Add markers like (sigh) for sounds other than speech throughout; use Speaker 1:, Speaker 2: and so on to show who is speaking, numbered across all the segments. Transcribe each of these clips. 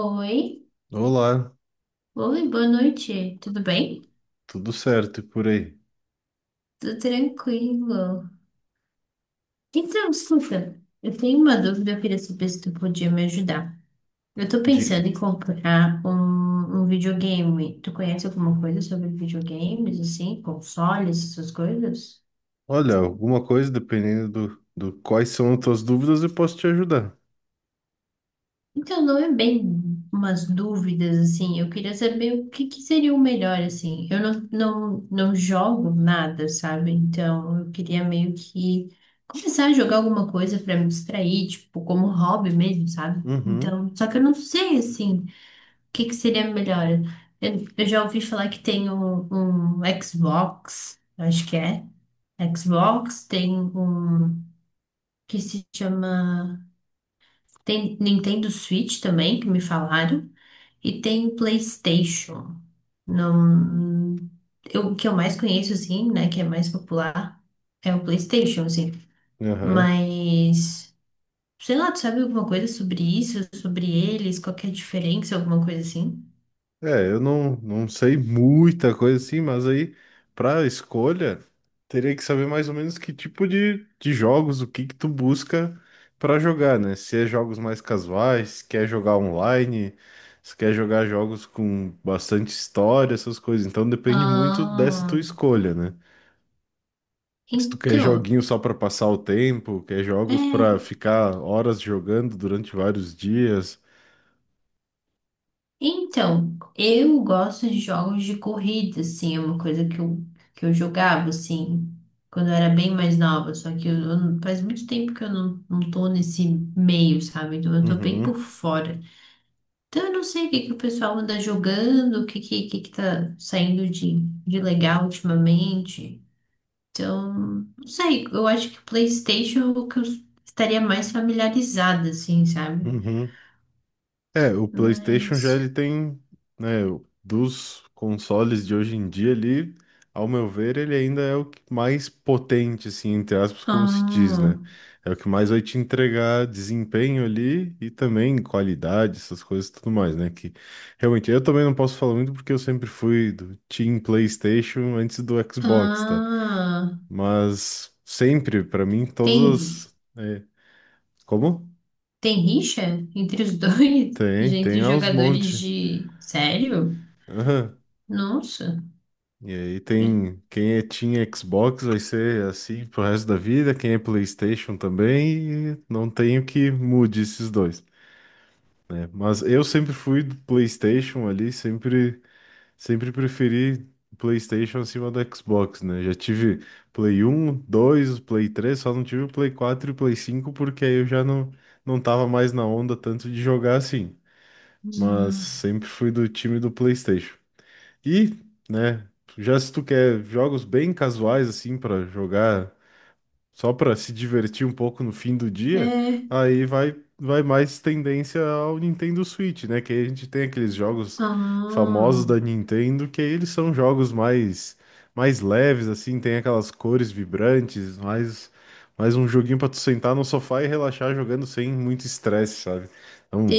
Speaker 1: Oi,
Speaker 2: Olá,
Speaker 1: oi, boa noite, tudo bem?
Speaker 2: tudo certo e por aí?
Speaker 1: Tudo tranquilo. Então, escuta, eu tenho uma dúvida, eu queria saber se tu podia me ajudar. Eu tô
Speaker 2: Diga.
Speaker 1: pensando em comprar um videogame. Tu conhece alguma coisa sobre videogames, assim, consoles, essas coisas?
Speaker 2: Olha, alguma coisa, dependendo do quais são as tuas dúvidas, eu posso te ajudar.
Speaker 1: Então, não é bem umas dúvidas, assim. Eu queria saber o que que seria o melhor, assim. Eu não jogo nada, sabe? Então, eu queria meio que começar a jogar alguma coisa para me distrair, tipo, como hobby mesmo, sabe?
Speaker 2: Uhum,
Speaker 1: Então, só que eu não sei, assim, o que que seria melhor. Eu já ouvi falar que tem um Xbox, acho que é. Xbox, tem um que se chama. Tem Nintendo Switch também, que me falaram. E tem PlayStation. Não, eu, o que eu mais conheço, assim, né? Que é mais popular é o PlayStation, assim.
Speaker 2: aham.
Speaker 1: Mas, sei lá, tu sabe alguma coisa sobre isso, sobre eles, qual que é a diferença, alguma coisa assim?
Speaker 2: É, eu não sei muita coisa assim, mas aí, pra escolha, teria que saber mais ou menos que tipo de jogos, o que que tu busca pra jogar, né? Se é jogos mais casuais, se quer jogar online, se quer jogar jogos com bastante história, essas coisas. Então depende muito dessa tua
Speaker 1: Ah,
Speaker 2: escolha, né? Se tu quer
Speaker 1: então,
Speaker 2: joguinho só pra passar o tempo, quer jogos pra
Speaker 1: é.
Speaker 2: ficar horas jogando durante vários dias.
Speaker 1: Então, eu gosto de jogos de corrida, assim, é uma coisa que eu jogava, assim, quando eu era bem mais nova, só que eu, faz muito tempo que eu não tô nesse meio, sabe? Então eu tô bem
Speaker 2: Uhum,
Speaker 1: por fora. Então eu não sei o que que o pessoal anda jogando, o que que tá saindo de legal ultimamente. Então, não sei, eu acho que o PlayStation é o que eu estaria mais familiarizada, assim, sabe?
Speaker 2: uhum. É, o PlayStation já
Speaker 1: Mas...
Speaker 2: ele tem, né, dos consoles de hoje em dia ele, ao meu ver, ele ainda é o que mais potente, assim, entre aspas, como se diz,
Speaker 1: Ah,
Speaker 2: né? É o que mais vai te entregar desempenho ali e também qualidade, essas coisas e tudo mais, né? Que realmente eu também não posso falar muito porque eu sempre fui do Team PlayStation antes do Xbox, tá?
Speaker 1: ah,
Speaker 2: Mas sempre, pra mim,
Speaker 1: tem,
Speaker 2: todas as. É, como?
Speaker 1: tem rixa entre os dois? (laughs)
Speaker 2: Tem
Speaker 1: Entre
Speaker 2: aos
Speaker 1: jogadores
Speaker 2: monte.
Speaker 1: de. Sério?
Speaker 2: Aham.
Speaker 1: Nossa.
Speaker 2: E aí
Speaker 1: É.
Speaker 2: tem quem é Team Xbox vai ser assim pro resto da vida, quem é PlayStation também, e não tenho que mude esses dois. É, mas eu sempre fui do PlayStation ali, sempre preferi PlayStation acima do Xbox, né? Já tive Play 1, 2, Play 3, só não tive o Play 4 e o Play 5 porque aí eu já não tava mais na onda tanto de jogar assim. Mas
Speaker 1: Ah,
Speaker 2: sempre fui do time do PlayStation. E, né, já se tu quer jogos bem casuais assim pra jogar só para se divertir um pouco no fim do dia,
Speaker 1: é.
Speaker 2: aí vai mais tendência ao Nintendo Switch, né? Que aí a gente tem aqueles jogos
Speaker 1: Ah,
Speaker 2: famosos da Nintendo, que aí eles são jogos mais leves, assim, tem aquelas cores vibrantes, mais um joguinho para tu sentar no sofá e relaxar jogando sem muito estresse, sabe? Então,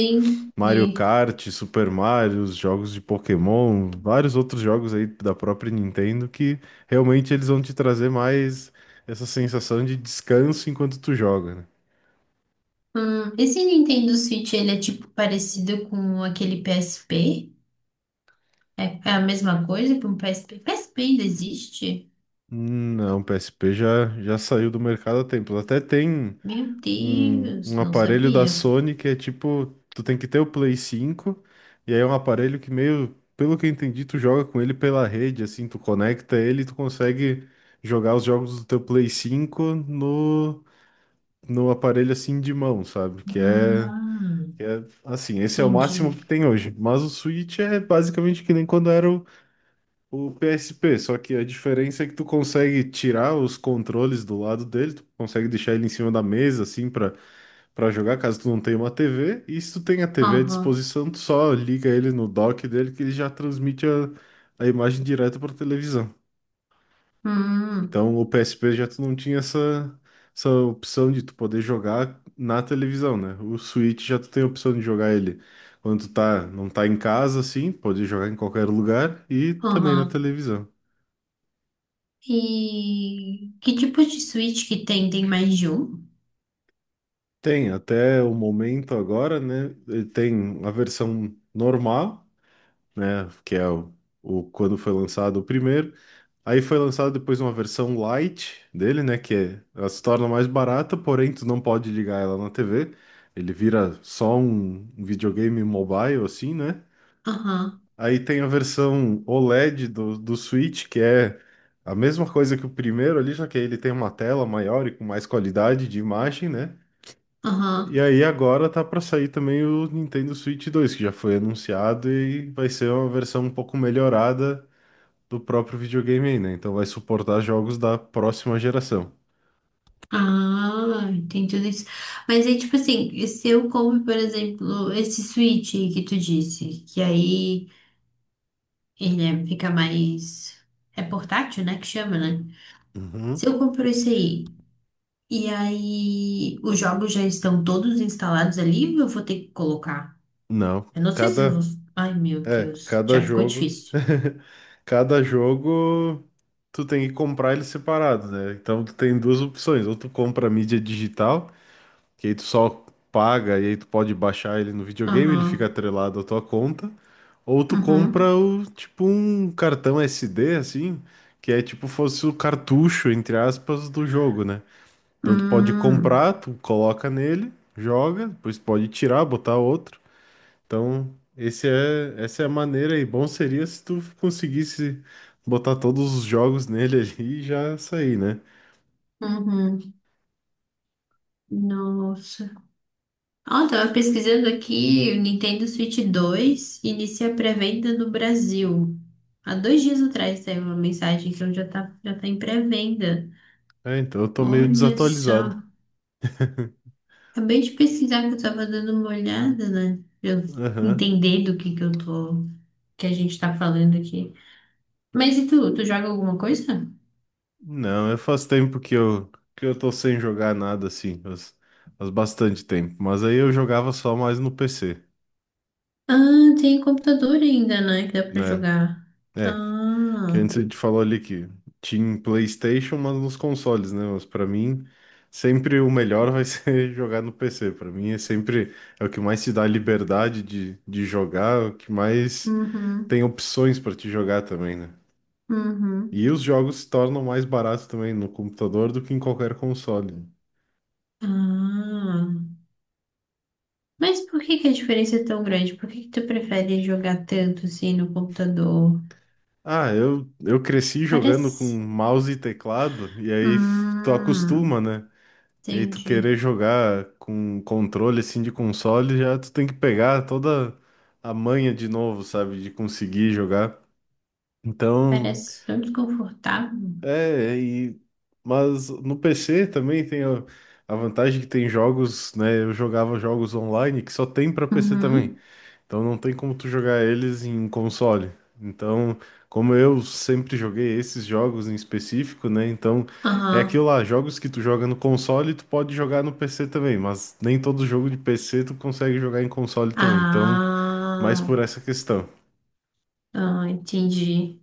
Speaker 2: Mario Kart, Super Mario, os jogos de Pokémon, vários outros jogos aí da própria Nintendo que realmente eles vão te trazer mais essa sensação de descanso enquanto tu joga, né?
Speaker 1: Esse Nintendo Switch, ele é tipo parecido com aquele PSP? É, é a mesma coisa que um PSP? PSP ainda existe?
Speaker 2: Não, o PSP já saiu do mercado há tempos. Até tem
Speaker 1: Meu
Speaker 2: um,
Speaker 1: Deus,
Speaker 2: um
Speaker 1: não
Speaker 2: aparelho da
Speaker 1: sabia.
Speaker 2: Sony que é tipo, tu tem que ter o Play 5, e aí é um aparelho que meio, pelo que eu entendi, tu joga com ele pela rede, assim, tu conecta ele e tu consegue jogar os jogos do teu Play 5 no no aparelho assim de mão, sabe? Que é,
Speaker 1: Ah,
Speaker 2: que é assim, esse é o máximo
Speaker 1: entendi.
Speaker 2: que tem hoje. Mas o Switch é basicamente que nem quando era o PSP, só que a diferença é que tu consegue tirar os controles do lado dele, tu consegue deixar ele em cima da mesa assim para jogar, caso tu não tenha uma TV, e se tu tem a TV à
Speaker 1: Aham.
Speaker 2: disposição, tu só liga ele no dock dele que ele já transmite a imagem direta para televisão.
Speaker 1: Hum,
Speaker 2: Então, o PSP já tu não tinha essa opção de tu poder jogar na televisão, né? O Switch já tu tem a opção de jogar ele quando tu tá, não tá em casa, assim, pode jogar em qualquer lugar e também na
Speaker 1: aham.
Speaker 2: televisão.
Speaker 1: E que tipo de switch que tem? Tem mais de um?
Speaker 2: Tem, até o momento agora, né? Ele tem a versão normal, né? Que é quando foi lançado o primeiro. Aí foi lançado depois uma versão light dele, né? Ela se torna mais barata, porém tu não pode ligar ela na TV. Ele vira só um videogame mobile, assim, né?
Speaker 1: Aham,
Speaker 2: Aí tem a versão OLED do Switch, que é a mesma coisa que o primeiro ali, só que aí ele tem uma tela maior e com mais qualidade de imagem, né? E
Speaker 1: aham.
Speaker 2: aí agora tá para sair também o Nintendo Switch 2, que já foi anunciado e vai ser uma versão um pouco melhorada do próprio videogame aí, né? Então vai suportar jogos da próxima geração.
Speaker 1: Ah, tem tudo isso. Mas aí, tipo assim, se eu compro, por exemplo, esse switch que tu disse, que aí fica mais. É portátil, né? Que chama, né? Se
Speaker 2: Uhum.
Speaker 1: eu compro esse aí, e aí os jogos já estão todos instalados ali, ou eu vou ter que colocar?
Speaker 2: Não,
Speaker 1: Eu não sei se eu vou. Ai, meu Deus,
Speaker 2: cada
Speaker 1: já ficou
Speaker 2: jogo,
Speaker 1: difícil.
Speaker 2: (laughs) cada jogo tu tem que comprar ele separado, né? Então tu tem duas opções, ou tu compra a mídia digital que aí tu só paga e aí tu pode baixar ele no videogame, ele fica
Speaker 1: Aham,
Speaker 2: atrelado à tua conta. Ou tu
Speaker 1: uhum.
Speaker 2: compra o, tipo um cartão SD, assim, que é tipo fosse o cartucho, entre aspas, do jogo, né? Então tu pode
Speaker 1: Hum.
Speaker 2: comprar, tu coloca nele, joga, depois tu pode tirar, botar outro. Então, essa é a maneira e bom seria se tu conseguisse botar todos os jogos nele (laughs) ali e já sair, né?
Speaker 1: Uhum. Nossa. Ah, eu tava pesquisando aqui, o Nintendo Switch 2 inicia a pré-venda no Brasil. Há dois dias atrás saiu uma mensagem então já tá em pré-venda.
Speaker 2: É, então eu tô meio
Speaker 1: Olha
Speaker 2: desatualizado.
Speaker 1: só. Acabei de pesquisar que eu tava dando uma olhada, né? Pra eu
Speaker 2: Aham.
Speaker 1: entender do que eu tô, que a gente tá falando aqui. Mas e tu, tu joga alguma coisa?
Speaker 2: Não, eu faz tempo que eu tô sem jogar nada assim, faz bastante tempo. Mas aí eu jogava só mais no PC,
Speaker 1: Ah, tem computador ainda, né? Que dá pra
Speaker 2: né?
Speaker 1: jogar.
Speaker 2: É, que
Speaker 1: Ah,
Speaker 2: antes a gente falou ali que tinha PlayStation, mas nos consoles, né? Mas pra mim, sempre o melhor vai (laughs) ser jogar no PC. Pra mim é sempre é o que mais te dá liberdade de jogar, é o que mais tem
Speaker 1: uhum,
Speaker 2: opções pra te jogar também, né? E
Speaker 1: uhum.
Speaker 2: os jogos se tornam mais baratos também no computador do que em qualquer console.
Speaker 1: Ah, mas por que que a diferença é tão grande? Por que que tu prefere jogar tanto assim no computador?
Speaker 2: Ah, eu cresci jogando com
Speaker 1: Parece.
Speaker 2: mouse e teclado, e aí tu acostuma,
Speaker 1: Hum,
Speaker 2: né? E aí tu
Speaker 1: entendi.
Speaker 2: querer jogar com controle assim de console, já tu tem que pegar toda a manha de novo, sabe? De conseguir jogar. Então,
Speaker 1: Parece tão desconfortável.
Speaker 2: é, e, mas no PC também tem a vantagem que tem jogos, né? Eu jogava jogos online que só tem pra PC também.
Speaker 1: Uhum.
Speaker 2: Então não tem como tu jogar eles em console. Então, como eu sempre joguei esses jogos em específico, né? Então é aquilo
Speaker 1: Aham.
Speaker 2: lá, jogos que tu joga no console, tu pode jogar no PC também, mas nem todo jogo de PC tu consegue jogar em console também. Então, mais
Speaker 1: Ah,
Speaker 2: por essa questão.
Speaker 1: ah, entendi.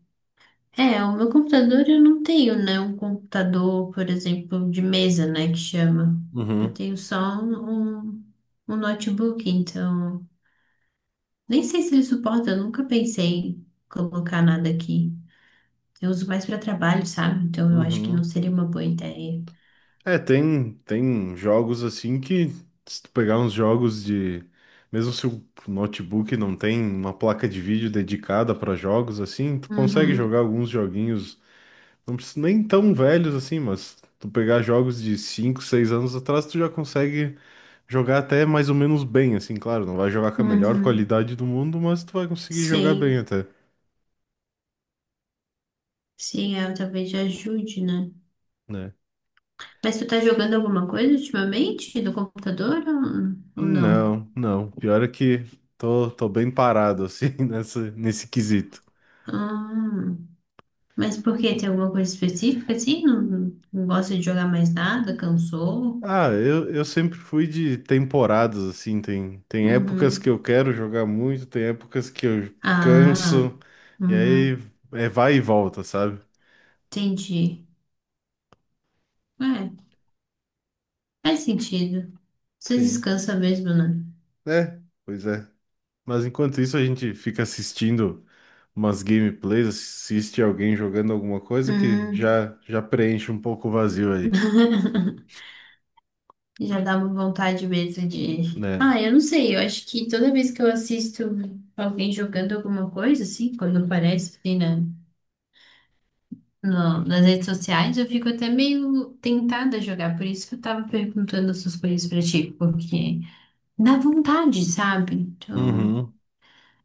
Speaker 1: É, o meu computador eu não tenho, né? Um computador, por exemplo, de mesa, né? Que chama. Eu
Speaker 2: Uhum,
Speaker 1: tenho só um notebook, então. Nem sei se ele suporta, eu nunca pensei em colocar nada aqui. Eu uso mais para trabalho, sabe? Então eu acho que não
Speaker 2: uhum.
Speaker 1: seria uma boa ideia.
Speaker 2: É, tem jogos assim que, se tu pegar uns jogos de. Mesmo se o notebook não tem uma placa de vídeo dedicada para jogos assim, tu consegue jogar
Speaker 1: Uhum,
Speaker 2: alguns joguinhos. Não precisa nem tão velhos assim, mas tu pegar jogos de 5, 6 anos atrás, tu já consegue jogar até mais ou menos bem, assim, claro, não vai jogar com a melhor
Speaker 1: uhum.
Speaker 2: qualidade do mundo, mas tu vai conseguir jogar bem
Speaker 1: Sei,
Speaker 2: até,
Speaker 1: sei, é, talvez ajude, né?
Speaker 2: né?
Speaker 1: Mas tu tá jogando alguma coisa ultimamente no computador ou não?
Speaker 2: Não, não. Pior é que tô bem parado, assim, (laughs) nesse quesito.
Speaker 1: Ah, mas por quê? Tem alguma coisa específica assim? Não, não gosta de jogar mais nada? Cansou?
Speaker 2: Ah, eu sempre fui de temporadas, assim, tem épocas que
Speaker 1: Uhum.
Speaker 2: eu quero jogar muito, tem épocas que eu
Speaker 1: Ah,
Speaker 2: canso, e aí
Speaker 1: uhum.
Speaker 2: é vai e volta, sabe?
Speaker 1: Entendi. É, faz sentido. Você
Speaker 2: Sim.
Speaker 1: descansa mesmo, né?
Speaker 2: É, pois é. Mas enquanto isso, a gente fica assistindo umas gameplays, assiste alguém jogando alguma coisa que
Speaker 1: Hum.
Speaker 2: já preenche um pouco o vazio aí,
Speaker 1: (laughs) Já dá uma vontade mesmo de.
Speaker 2: né?
Speaker 1: Ah, eu não sei, eu acho que toda vez que eu assisto alguém jogando alguma coisa, assim, quando aparece assim, na, nas redes sociais, eu fico até meio tentada a jogar. Por isso que eu tava perguntando essas coisas pra ti, porque dá vontade, sabe? Então,
Speaker 2: Uhum,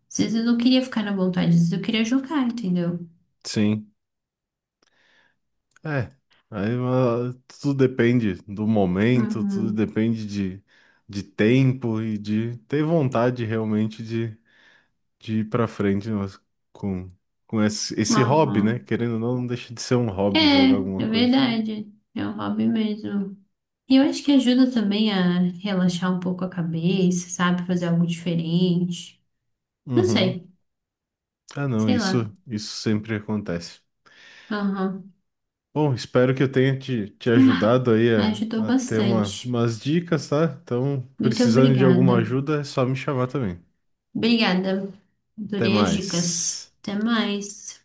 Speaker 1: às vezes eu não queria ficar na vontade, às vezes eu queria jogar, entendeu?
Speaker 2: sim. É. Aí, tudo depende do momento, tudo
Speaker 1: Uhum.
Speaker 2: depende de tempo e de ter vontade realmente de ir pra frente mas com, com esse hobby, né?
Speaker 1: Aham.
Speaker 2: Querendo ou não, não deixa de ser um
Speaker 1: É,
Speaker 2: hobby jogar alguma
Speaker 1: é
Speaker 2: coisa.
Speaker 1: verdade. É um hobby mesmo. E eu acho que ajuda também a relaxar um pouco a cabeça, sabe? Fazer algo diferente. Não
Speaker 2: Uhum.
Speaker 1: sei,
Speaker 2: Ah, não,
Speaker 1: sei lá.
Speaker 2: isso sempre acontece.
Speaker 1: Aham.
Speaker 2: Bom, espero que eu tenha te
Speaker 1: Ah,
Speaker 2: ajudado aí a,
Speaker 1: ajudou
Speaker 2: a ter
Speaker 1: bastante.
Speaker 2: umas dicas, tá? Então,
Speaker 1: Muito
Speaker 2: precisando de alguma
Speaker 1: obrigada.
Speaker 2: ajuda, é só me chamar também.
Speaker 1: Obrigada.
Speaker 2: Até
Speaker 1: Adorei as dicas.
Speaker 2: mais.
Speaker 1: Até mais.